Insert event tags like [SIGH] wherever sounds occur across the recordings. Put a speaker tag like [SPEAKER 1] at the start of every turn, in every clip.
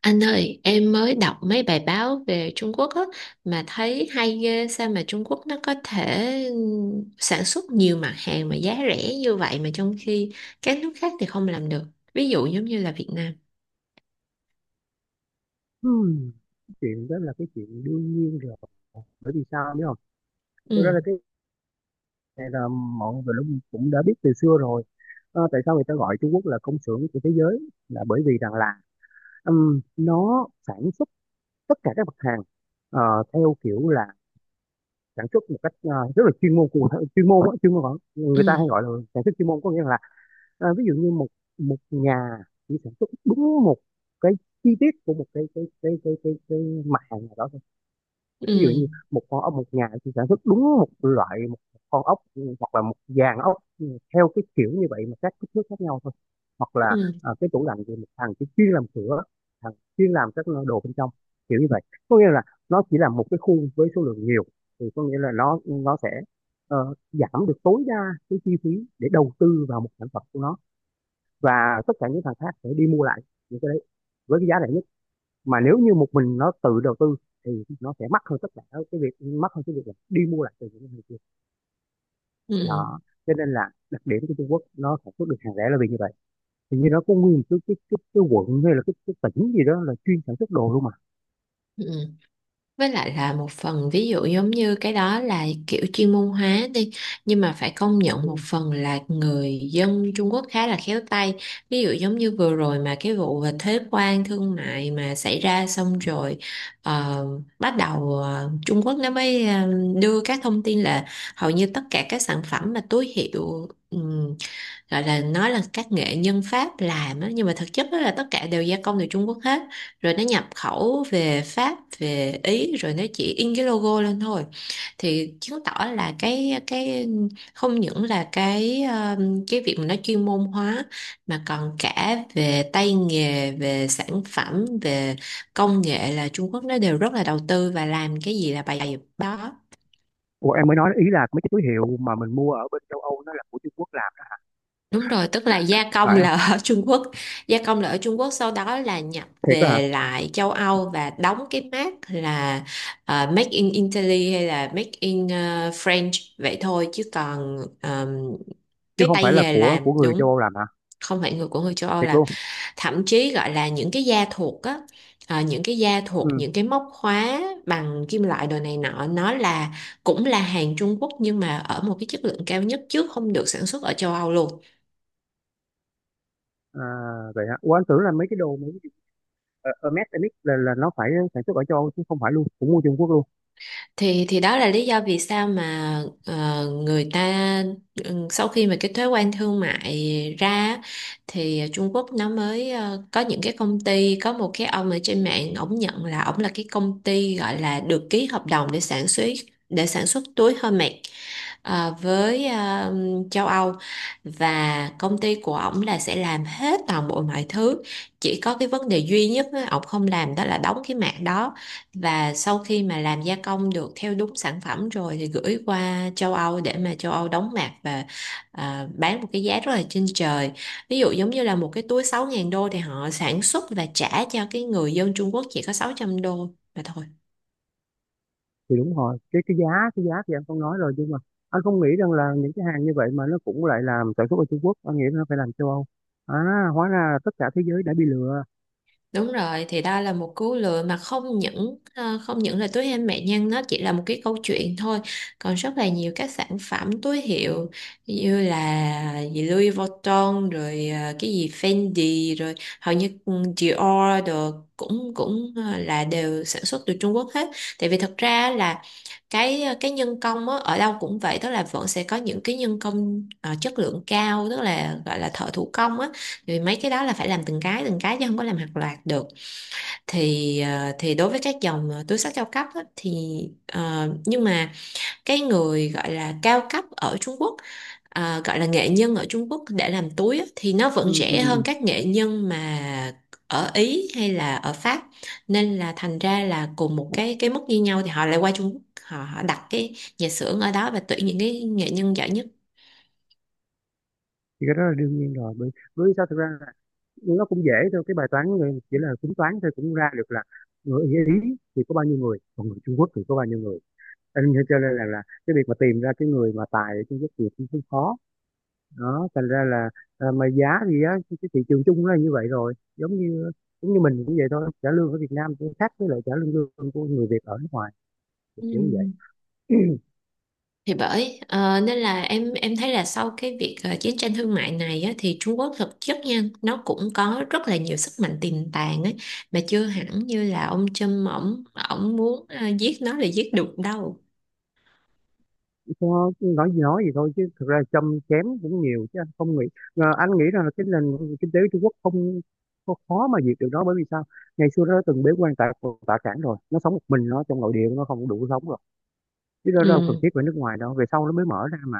[SPEAKER 1] Anh ơi, em mới đọc mấy bài báo về Trung Quốc á, mà thấy hay ghê. Sao mà Trung Quốc nó có thể sản xuất nhiều mặt hàng mà giá rẻ như vậy mà trong khi các nước khác thì không làm được. Ví dụ giống như là Việt Nam.
[SPEAKER 2] Hmm, Chuyện đó là cái chuyện đương nhiên rồi, bởi vì sao biết không, thực ra
[SPEAKER 1] Ừ,
[SPEAKER 2] là cái này là mọi người cũng cũng đã biết từ xưa rồi. Ờ, tại sao người ta gọi Trung Quốc là công xưởng của thế giới là bởi vì rằng là nó sản xuất tất cả các mặt hàng, ờ, theo kiểu là sản xuất một cách rất là chuyên môn. Chuyên môn, chuyên môn vẫn người ta hay
[SPEAKER 1] ừ,
[SPEAKER 2] gọi là sản xuất chuyên môn, có nghĩa là, ví dụ như một một nhà chỉ sản xuất đúng một cái chi tiết của một cái mặt hàng nào đó thôi. Ví dụ
[SPEAKER 1] ừ,
[SPEAKER 2] như một con ốc, một nhà chỉ sản xuất đúng một loại, một con ốc, hoặc là một dàn ốc, ừ, theo cái kiểu như vậy mà các kích thước khác nhau thôi. Hoặc là
[SPEAKER 1] ừ,
[SPEAKER 2] à, cái tủ lạnh thì một thằng chỉ chuyên làm sữa, thằng chuyên làm các đồ bên trong, kiểu như vậy. Có nghĩa là nó chỉ là một cái khu với số lượng nhiều, thì có nghĩa là nó sẽ giảm được tối đa cái chi phí để đầu tư vào một sản phẩm của nó, và tất cả những thằng khác sẽ đi mua lại những cái đấy với cái giá rẻ nhất. Mà nếu như một mình nó tự đầu tư thì nó sẽ mắc hơn tất cả, cái việc mắc hơn cái việc là đi mua lại từ những người kia.
[SPEAKER 1] ừ,
[SPEAKER 2] Đó, cho nên là đặc điểm của Trung Quốc nó sản xuất được hàng rẻ là vì như vậy. Hình như nó có nguyên một cái quận hay là cái tỉnh gì đó là chuyên sản xuất đồ luôn mà,
[SPEAKER 1] ừ. Với lại là một phần ví dụ giống như cái đó là kiểu chuyên môn hóa đi, nhưng mà phải công nhận
[SPEAKER 2] đúng
[SPEAKER 1] một
[SPEAKER 2] không?
[SPEAKER 1] phần là người dân Trung Quốc khá là khéo tay. Ví dụ giống như vừa rồi mà cái vụ về thuế quan thương mại mà xảy ra xong rồi, ờ, bắt đầu Trung Quốc nó mới đưa các thông tin là hầu như tất cả các sản phẩm mà túi hiệu, gọi là nói là các nghệ nhân Pháp làm á, nhưng mà thực chất đó là tất cả đều gia công từ Trung Quốc hết, rồi nó nhập khẩu về Pháp, về Ý, rồi nó chỉ in cái logo lên thôi. Thì chứng tỏ là cái không những là cái việc mà nó chuyên môn hóa, mà còn cả về tay nghề, về sản phẩm, về công nghệ là Trung Quốc nó đều rất là đầu tư và làm cái gì là bài đó.
[SPEAKER 2] Ủa, em mới nói ý là mấy cái túi hiệu mà mình mua ở bên châu Âu nó là của Trung Quốc làm đó
[SPEAKER 1] Đúng rồi, tức là gia
[SPEAKER 2] phải
[SPEAKER 1] công
[SPEAKER 2] không?
[SPEAKER 1] là ở [LAUGHS] Trung Quốc, gia công là ở Trung Quốc, sau đó là nhập
[SPEAKER 2] Thiệt đó hả?
[SPEAKER 1] về lại châu Âu và đóng cái mác là Make in Italy hay là Make in French, vậy thôi. Chứ còn
[SPEAKER 2] Chứ
[SPEAKER 1] cái
[SPEAKER 2] không
[SPEAKER 1] tay
[SPEAKER 2] phải là
[SPEAKER 1] nghề
[SPEAKER 2] của
[SPEAKER 1] làm
[SPEAKER 2] của người châu
[SPEAKER 1] đúng
[SPEAKER 2] Âu làm hả?
[SPEAKER 1] không phải người của người châu Âu
[SPEAKER 2] Thiệt
[SPEAKER 1] làm.
[SPEAKER 2] luôn?
[SPEAKER 1] Thậm chí gọi là những cái da thuộc á, những cái da thuộc,
[SPEAKER 2] Ừ,
[SPEAKER 1] những cái móc khóa bằng kim loại đồ này nọ, nó là cũng là hàng Trung Quốc, nhưng mà ở một cái chất lượng cao nhất chứ không được sản xuất ở châu Âu luôn.
[SPEAKER 2] à, vậy hả? Ủa anh tưởng là mấy cái đồ mấy cái, ở, Hermes, Hermes là nó phải sản xuất ở châu Âu chứ, không phải luôn cũng mua Trung Quốc luôn.
[SPEAKER 1] Thì đó là lý do vì sao mà người ta, ừ, sau khi mà cái thuế quan thương mại ra á, thì Trung Quốc nó mới có những cái công ty, có một cái ông ở trên mạng ổng nhận là ổng là cái công ty gọi là được ký hợp đồng để sản xuất, để sản xuất túi Hermès với châu Âu, và công ty của ổng là sẽ làm hết toàn bộ mọi thứ. Chỉ có cái vấn đề duy nhất á, ổng không làm đó là đóng cái mảng đó. Và sau khi mà làm gia công được theo đúng sản phẩm rồi thì gửi qua châu Âu để mà châu Âu đóng mạc và bán một cái giá rất là trên trời. Ví dụ giống như là một cái túi 6.000 đô thì họ sản xuất và trả cho cái người dân Trung Quốc chỉ có 600 đô mà thôi.
[SPEAKER 2] Thì đúng rồi, cái giá, cái giá thì anh không nói rồi, nhưng mà anh không nghĩ rằng là những cái hàng như vậy mà nó cũng lại làm sản xuất ở Trung Quốc, anh nghĩ nó phải làm châu Âu. À, hóa ra là tất cả thế giới đã bị lừa.
[SPEAKER 1] Đúng rồi, thì đó là một cú lừa mà không những không những là túi hem mẹ nhân nó chỉ là một cái câu chuyện thôi, còn rất là nhiều các sản phẩm túi hiệu như là gì Louis Vuitton rồi, cái gì Fendi rồi, hầu như ừ, Dior đồ cũng cũng là đều sản xuất từ Trung Quốc hết. Tại vì thật ra là cái cái nhân công á, ở đâu cũng vậy, tức là vẫn sẽ có những cái nhân công chất lượng cao, tức là gọi là thợ thủ công á, vì mấy cái đó là phải làm từng cái chứ không có làm hàng loạt được. Thì đối với các dòng túi xách cao cấp á, thì nhưng mà cái người gọi là cao cấp ở Trung Quốc, gọi là nghệ nhân ở Trung Quốc để làm túi á, thì nó
[SPEAKER 2] Ừ,
[SPEAKER 1] vẫn
[SPEAKER 2] ừ,
[SPEAKER 1] rẻ
[SPEAKER 2] ừ.
[SPEAKER 1] hơn
[SPEAKER 2] Ừ.
[SPEAKER 1] các nghệ nhân mà ở Ý hay là ở Pháp. Nên là thành ra là cùng một cái mức như nhau thì họ lại qua Trung Quốc, họ, họ đặt cái nhà xưởng ở đó và tuyển những cái nghệ nhân giỏi nhất.
[SPEAKER 2] Thì cái đó là đương nhiên rồi, bởi bởi vì sao, thực ra là nó cũng dễ thôi, cái bài toán chỉ là tính toán thôi cũng ra được là người Ý thì có bao nhiêu người, còn người Trung Quốc thì có bao nhiêu người. Anh nên cho nên là cái việc mà tìm ra cái người mà tài ở Trung Quốc thì cũng không khó. Đó, thành ra là à, mà giá thì giá cái thị trường chung nó là như vậy rồi, giống như mình cũng vậy thôi, trả lương ở Việt Nam cũng khác với lại trả lương lương của người Việt ở nước ngoài, kiểu kiểu như vậy.
[SPEAKER 1] Ừ. Thì bởi nên là em thấy là sau cái việc chiến tranh thương mại này á, thì Trung Quốc thực chất nha, nó cũng có rất là nhiều sức mạnh tiềm tàng ấy, mà chưa hẳn như là ông Trump ổng, ổng muốn giết nó là giết được đâu.
[SPEAKER 2] Nó- nói gì thôi chứ thực ra châm chém cũng nhiều chứ, anh không nghĩ, à, anh nghĩ rằng là cái nền kinh tế Trung Quốc không có khó mà diệt được nó, bởi vì sao, ngày xưa nó từng bế quan tại tạ cảng rồi, nó sống một mình nó trong nội địa nó không đủ sống rồi, chứ nó đâu cần thiết
[SPEAKER 1] Ừ.
[SPEAKER 2] phải nước ngoài đâu, về sau nó mới mở ra mà.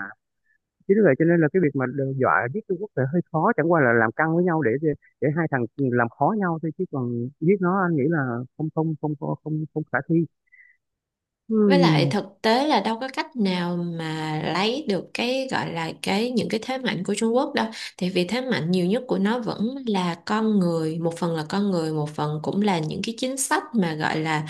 [SPEAKER 2] Chứ vì vậy cho nên là cái việc mà đe dọa giết Trung Quốc là hơi khó, chẳng qua là làm căng với nhau để hai thằng làm khó nhau thôi, chứ còn giết nó anh nghĩ là không không không không không, không khả thi.
[SPEAKER 1] Với lại
[SPEAKER 2] Ừm,
[SPEAKER 1] thực tế là đâu có cách nào mà lấy được cái gọi là cái những cái thế mạnh của Trung Quốc đâu. Thì vì thế mạnh nhiều nhất của nó vẫn là con người, một phần là con người, một phần cũng là những cái chính sách mà gọi là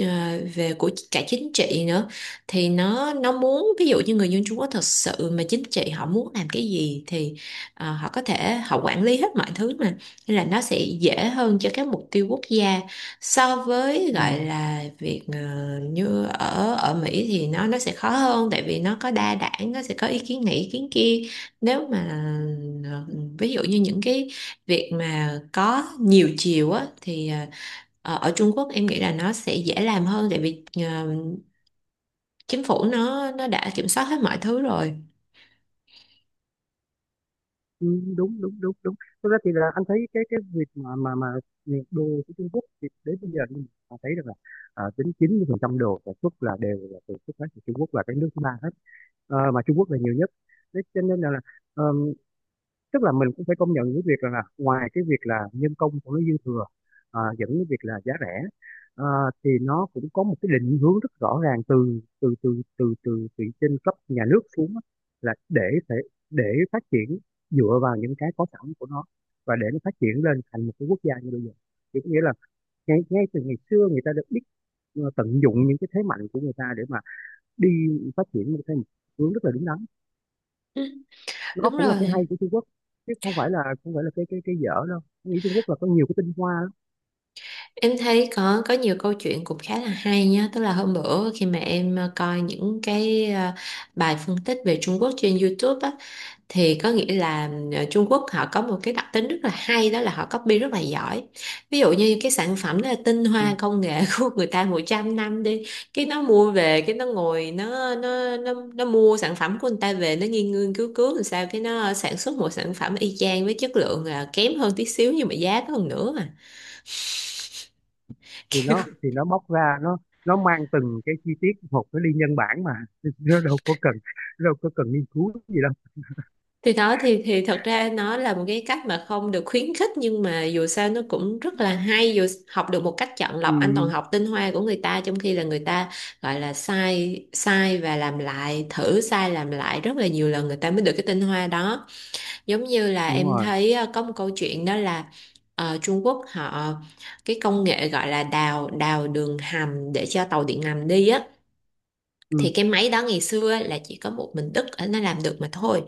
[SPEAKER 1] ờ, về của cả chính trị nữa. Thì nó muốn ví dụ như người dân Trung Quốc thật sự mà chính trị họ muốn làm cái gì thì họ có thể họ quản lý hết mọi thứ mà. Nên là nó sẽ dễ hơn cho các mục tiêu quốc gia so với gọi
[SPEAKER 2] ừm,
[SPEAKER 1] là việc như ở ở Mỹ thì nó sẽ khó hơn tại vì nó có đa đảng, nó sẽ có ý kiến này ý kiến kia. Nếu mà ờ, ví dụ như những cái việc mà có nhiều chiều á thì ở ở Trung Quốc em nghĩ là nó sẽ dễ làm hơn, tại vì chính phủ nó đã kiểm soát hết mọi thứ rồi.
[SPEAKER 2] đúng đúng đúng đúng. Thực ra thì là anh thấy cái việc mà mà việc đồ của Trung Quốc thì đến bây giờ mình thấy được là à, đến 90% đồ sản xuất là đều là từ xuất phát từ Trung Quốc và cái nước thứ ba hết. Ờ, mà Trung Quốc là nhiều nhất. Thế cho nên là tức là mình cũng phải công nhận cái việc là ngoài cái việc là nhân công của nó dư thừa, à, dẫn cái việc là giá rẻ, à, thì nó cũng có một cái định hướng rất rõ ràng từ từ từ từ từ từ trên cấp nhà nước xuống á, là để thể để phát triển dựa vào những cái có sẵn của nó, và để nó phát triển lên thành một cái quốc gia như bây giờ. Thì có nghĩa là ngay ngay từ ngày xưa người ta đã biết tận dụng những cái thế mạnh của người ta để mà đi phát triển một cái hướng rất là đúng đắn.
[SPEAKER 1] Ừ,
[SPEAKER 2] Nó
[SPEAKER 1] đúng
[SPEAKER 2] cũng là cái hay
[SPEAKER 1] rồi.
[SPEAKER 2] của Trung Quốc, chứ không phải là không phải là cái dở đâu. Tôi nghĩ Trung Quốc là có nhiều cái tinh hoa lắm.
[SPEAKER 1] Em thấy có nhiều câu chuyện cũng khá là hay nhá, tức là hôm bữa khi mà em coi những cái bài phân tích về Trung Quốc trên YouTube á, thì có nghĩa là Trung Quốc họ có một cái đặc tính rất là hay, đó là họ copy rất là giỏi. Ví dụ như cái sản phẩm đó là tinh
[SPEAKER 2] Ừ.
[SPEAKER 1] hoa công nghệ [LAUGHS] của người ta 100 năm đi, cái nó mua về, cái nó ngồi nó mua sản phẩm của người ta về, nó nghiên nghiên cứu cứu làm sao cái nó sản xuất một sản phẩm y chang với chất lượng là kém hơn tí xíu nhưng mà giá nó còn nữa mà.
[SPEAKER 2] Thì
[SPEAKER 1] [LAUGHS]
[SPEAKER 2] nó bóc ra, nó mang từng cái chi tiết một nó đi nhân bản mà. [LAUGHS] Nó đâu có cần, đâu có cần nghiên cứu gì đâu.
[SPEAKER 1] Thì đó, thì thật ra nó là một cái cách mà không được khuyến khích, nhưng mà dù sao nó cũng rất là hay, dù học được một cách chọn lọc. Anh toàn
[SPEAKER 2] Ừ,
[SPEAKER 1] học tinh hoa của người ta, trong khi là người ta gọi là sai sai và làm lại, thử sai làm lại rất là nhiều lần người ta mới được cái tinh hoa đó. Giống như là
[SPEAKER 2] đúng
[SPEAKER 1] em
[SPEAKER 2] rồi.
[SPEAKER 1] thấy có một câu chuyện đó là Trung Quốc họ, cái công nghệ gọi là đào đào đường hầm để cho tàu điện ngầm đi á,
[SPEAKER 2] Ừ,
[SPEAKER 1] thì cái máy đó ngày xưa là chỉ có một mình Đức nó làm được mà thôi.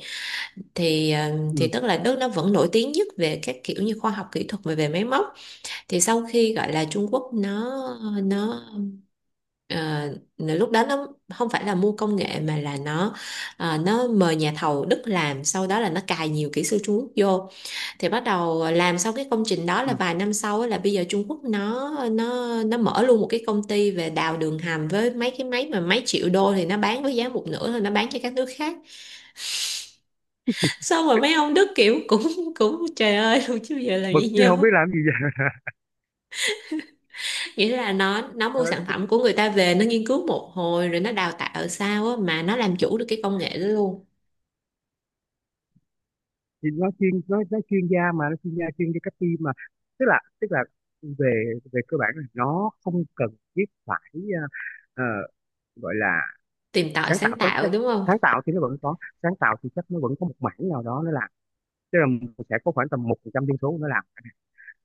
[SPEAKER 1] Thì ờ, thì
[SPEAKER 2] ừ,
[SPEAKER 1] tức là Đức nó vẫn nổi tiếng nhất về các kiểu như khoa học kỹ thuật về về máy móc. Thì sau khi gọi là Trung Quốc nó ờ, lúc đó nó không phải là mua công nghệ, mà là nó nó mời nhà thầu Đức làm, sau đó là nó cài nhiều kỹ sư Trung Quốc vô. Thì bắt đầu làm xong cái công trình đó
[SPEAKER 2] ừ.
[SPEAKER 1] là vài năm sau á, là bây giờ Trung Quốc nó mở luôn một cái công ty về đào đường hầm. Với mấy cái máy mà mấy triệu đô thì nó bán với giá một nửa thôi, nó bán cho các nước khác. Xong rồi mấy ông Đức kiểu cũng cũng trời ơi [LAUGHS] luôn, chứ giờ làm
[SPEAKER 2] Bực
[SPEAKER 1] gì
[SPEAKER 2] chứ không
[SPEAKER 1] nhau.
[SPEAKER 2] biết làm gì vậy.
[SPEAKER 1] Nghĩa là nó
[SPEAKER 2] Ờ,
[SPEAKER 1] mua sản
[SPEAKER 2] tức-
[SPEAKER 1] phẩm của người ta về, nó nghiên cứu một hồi rồi nó đào tạo sao á mà nó làm chủ được cái công nghệ đó luôn.
[SPEAKER 2] thì nó chuyên nó chuyên gia mà, nó chuyên gia chuyên cho các team mà, tức là về về cơ bản là nó không cần thiết phải ờ, gọi là
[SPEAKER 1] Tìm tòi
[SPEAKER 2] sáng tạo
[SPEAKER 1] sáng tạo đúng không.
[SPEAKER 2] sáng tạo thì nó vẫn có, sáng tạo thì chắc nó vẫn có một mảng nào đó nó làm. Tức là sẽ có khoảng tầm 1% dân số nó làm.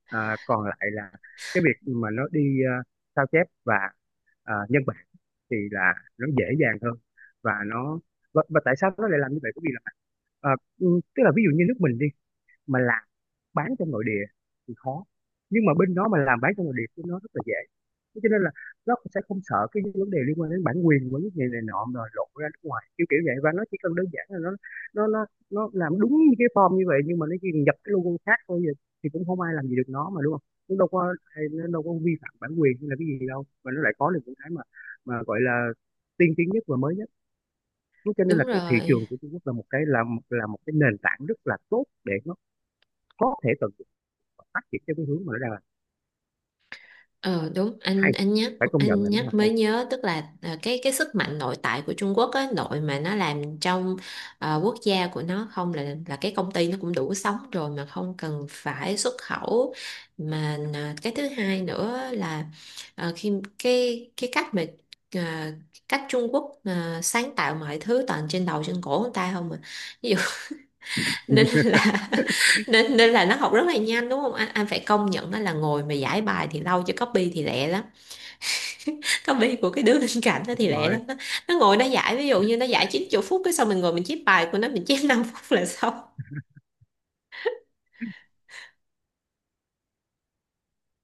[SPEAKER 2] À, còn lại là cái việc mà nó đi sao chép và nhân bản thì là nó dễ dàng hơn. Và nó và tại sao nó lại làm như vậy, bởi vì là, ờ, ừ, tức là ví dụ như nước mình đi mà làm bán trong nội địa thì khó, nhưng mà bên đó mà làm bán trong nội địa thì nó rất là dễ. Thế cho nên là nó sẽ không sợ cái vấn đề liên quan đến bản quyền của những người này nọ rồi lộ ra nước ngoài kiểu kiểu vậy, và nó chỉ cần đơn giản là nó làm đúng như cái form như vậy, nhưng mà nó chỉ nhập cái logo khác thôi, vậy thì cũng không ai làm gì được nó mà, đúng không. Nó đâu có, nó đâu có vi phạm bản quyền hay là cái gì đâu, mà nó lại có được những cái mà gọi là tiên tiến nhất và mới nhất. Thế cho nên là
[SPEAKER 1] Đúng
[SPEAKER 2] cái thị
[SPEAKER 1] rồi.
[SPEAKER 2] trường của Trung Quốc là một cái nền tảng rất là tốt để nó có thể tận phát triển theo cái hướng mà nó đang là.
[SPEAKER 1] Ờ đúng,
[SPEAKER 2] Hay,
[SPEAKER 1] anh nhắc,
[SPEAKER 2] phải công nhận
[SPEAKER 1] anh
[SPEAKER 2] là nó là
[SPEAKER 1] nhắc
[SPEAKER 2] hay.
[SPEAKER 1] mới nhớ, tức là à, cái sức mạnh nội tại của Trung Quốc á, nội mà nó làm trong quốc gia của nó không là là cái công ty nó cũng đủ sống rồi mà không cần phải xuất khẩu mà. À, cái thứ hai nữa là khi cái cách mà à, cách Trung Quốc à, sáng tạo mọi thứ toàn trên đầu trên cổ người ta không mà. Ví dụ [LAUGHS] nên
[SPEAKER 2] [LAUGHS]
[SPEAKER 1] là, nên nên là nó học rất là nhanh, đúng không anh. Anh phải công nhận nó là ngồi mà giải bài thì lâu, chứ copy thì lẹ lắm, copy của cái đứa bên cạnh đó thì
[SPEAKER 2] Đúng
[SPEAKER 1] lẹ
[SPEAKER 2] rồi.
[SPEAKER 1] lắm đó. Nó ngồi nó giải ví dụ như nó giải 90 phút, cái xong mình ngồi mình chép bài của nó mình chép 5 [LAUGHS] phút là xong.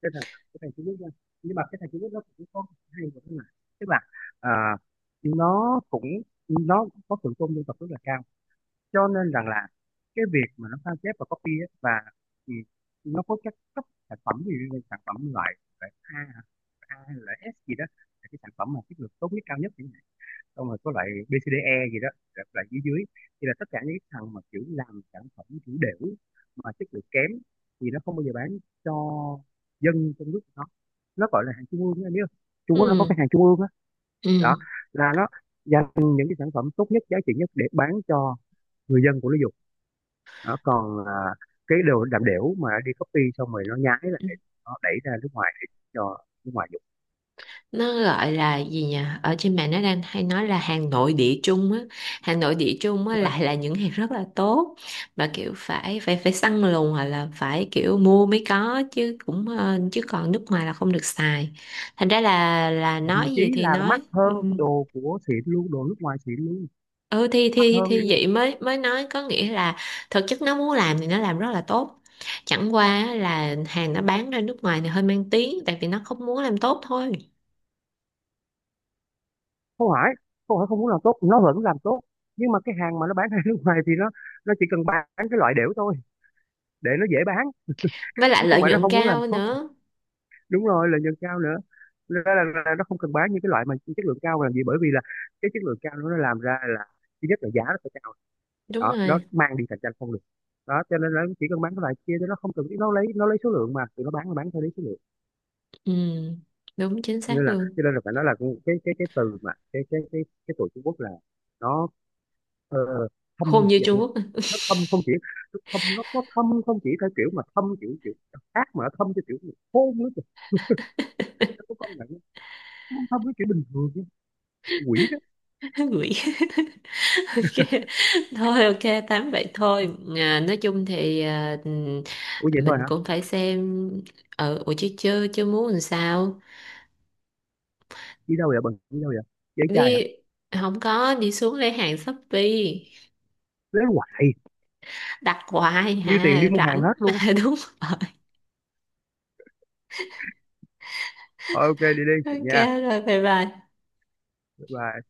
[SPEAKER 2] Cái thằng cái thằng Trung Quốc nha, nhưng mà cái thằng Trung Quốc nó cũng có hay một cái là, tức là à, nó cũng, nó có thượng tôn dân tộc rất là cao, cho nên rằng là cái việc mà nó sao chép và copy á, và, ừ, nó có các cấp sản phẩm gì như sản phẩm loại loại A, A hay là S gì đó, là cái sản phẩm mà chất lượng tốt nhất cao nhất chẳng hạn. Xong rồi có loại bê xê đê E gì đó, loại loại dưới dưới, thì là tất cả những cái thằng mà kiểu làm sản phẩm kiểu đểu mà chất lượng kém thì nó không bao giờ bán cho dân trong nước của nó. Nó gọi là hàng trung ương, anh biết không, Trung Quốc nó có
[SPEAKER 1] Ừ.
[SPEAKER 2] cái hàng trung ương á. Đó.
[SPEAKER 1] Ừ.
[SPEAKER 2] Là nó dành những cái sản phẩm tốt nhất giá trị nhất để bán cho người dân của nó dùng. Đó còn à, cái đồ làm đểu mà đi copy xong rồi nó nhái lại, nó đẩy ra nước ngoài để cho nước ngoài dùng.
[SPEAKER 1] Nó gọi là gì nhỉ, ở trên mạng nó đang hay nói là hàng nội địa Trung á, hàng nội địa Trung á lại là những hàng rất là tốt, và kiểu phải phải phải săn lùng hoặc là phải kiểu mua mới có, chứ cũng chứ còn nước ngoài là không được xài. Thành ra là
[SPEAKER 2] Thậm
[SPEAKER 1] nói
[SPEAKER 2] chí
[SPEAKER 1] gì thì
[SPEAKER 2] là mắc
[SPEAKER 1] nói. Ừ.
[SPEAKER 2] hơn cái đồ của xịn luôn, đồ nước ngoài xịn luôn.
[SPEAKER 1] ừ thì
[SPEAKER 2] Mắc
[SPEAKER 1] thì
[SPEAKER 2] hơn
[SPEAKER 1] thì
[SPEAKER 2] luôn.
[SPEAKER 1] vậy mới mới nói, có nghĩa là thực chất nó muốn làm thì nó làm rất là tốt, chẳng qua á là hàng nó bán ra nước ngoài thì hơi mang tiếng, tại vì nó không muốn làm tốt thôi.
[SPEAKER 2] Không phải, không phải không muốn làm tốt, nó vẫn làm tốt, nhưng mà cái hàng mà nó bán ra [LAUGHS] nước ngoài thì nó chỉ cần bán cái loại đểu thôi để nó dễ bán,
[SPEAKER 1] Với lại
[SPEAKER 2] chứ không
[SPEAKER 1] lợi
[SPEAKER 2] phải nó
[SPEAKER 1] nhuận
[SPEAKER 2] không muốn làm
[SPEAKER 1] cao
[SPEAKER 2] tốt.
[SPEAKER 1] nữa.
[SPEAKER 2] Đúng rồi, lợi nhuận cao nữa. Nên là nó không cần bán những cái loại mà chất lượng cao làm gì, bởi vì là cái chất lượng cao nó làm ra là thứ nhất là giá nó phải cao.
[SPEAKER 1] Đúng
[SPEAKER 2] Đó, nó
[SPEAKER 1] rồi.
[SPEAKER 2] mang đi cạnh tranh không được. Đó cho nên là nó chỉ cần bán cái loại kia chứ nó không cần biết, nó lấy số lượng, mà tụi nó bán là bán theo lấy số lượng.
[SPEAKER 1] Ừ đúng, chính xác luôn.
[SPEAKER 2] Cho nên là phải nói là cái từ mà cái tụi Trung Quốc là nó ờ, thâm như
[SPEAKER 1] Khôn như
[SPEAKER 2] vậy
[SPEAKER 1] Trung
[SPEAKER 2] á.
[SPEAKER 1] Quốc à.
[SPEAKER 2] Nó thâm không chỉ, nó thâm không chỉ theo kiểu mà thâm kiểu kiểu ác, mà nó thâm theo kiểu mà khôn nữa kìa. Nó có công nhận không? Nó không thâm cái kiểu bình thường chứ. Quỷ đó.
[SPEAKER 1] [LAUGHS] Quỷ. [LAUGHS] Ok, thôi ok tám vậy thôi. À, nói chung thì à,
[SPEAKER 2] Ủa vậy thôi
[SPEAKER 1] mình
[SPEAKER 2] hả?
[SPEAKER 1] cũng phải xem. Ở ừ, ủa chứ chưa chưa muốn làm sao.
[SPEAKER 2] Đi đâu vậy, bằng đi đâu vậy? Dễ trai hả?
[SPEAKER 1] Đi. Không có, đi xuống lấy hàng Shopee.
[SPEAKER 2] Lấy hoài,
[SPEAKER 1] Đặt hoài
[SPEAKER 2] như tiền
[SPEAKER 1] hà,
[SPEAKER 2] đi mua hàng
[SPEAKER 1] rảnh
[SPEAKER 2] hết
[SPEAKER 1] mà.
[SPEAKER 2] luôn.
[SPEAKER 1] [LAUGHS] Đúng rồi.
[SPEAKER 2] Thôi ok đi đi
[SPEAKER 1] Ok.
[SPEAKER 2] nha.
[SPEAKER 1] Rồi bye bye.
[SPEAKER 2] Bye bye.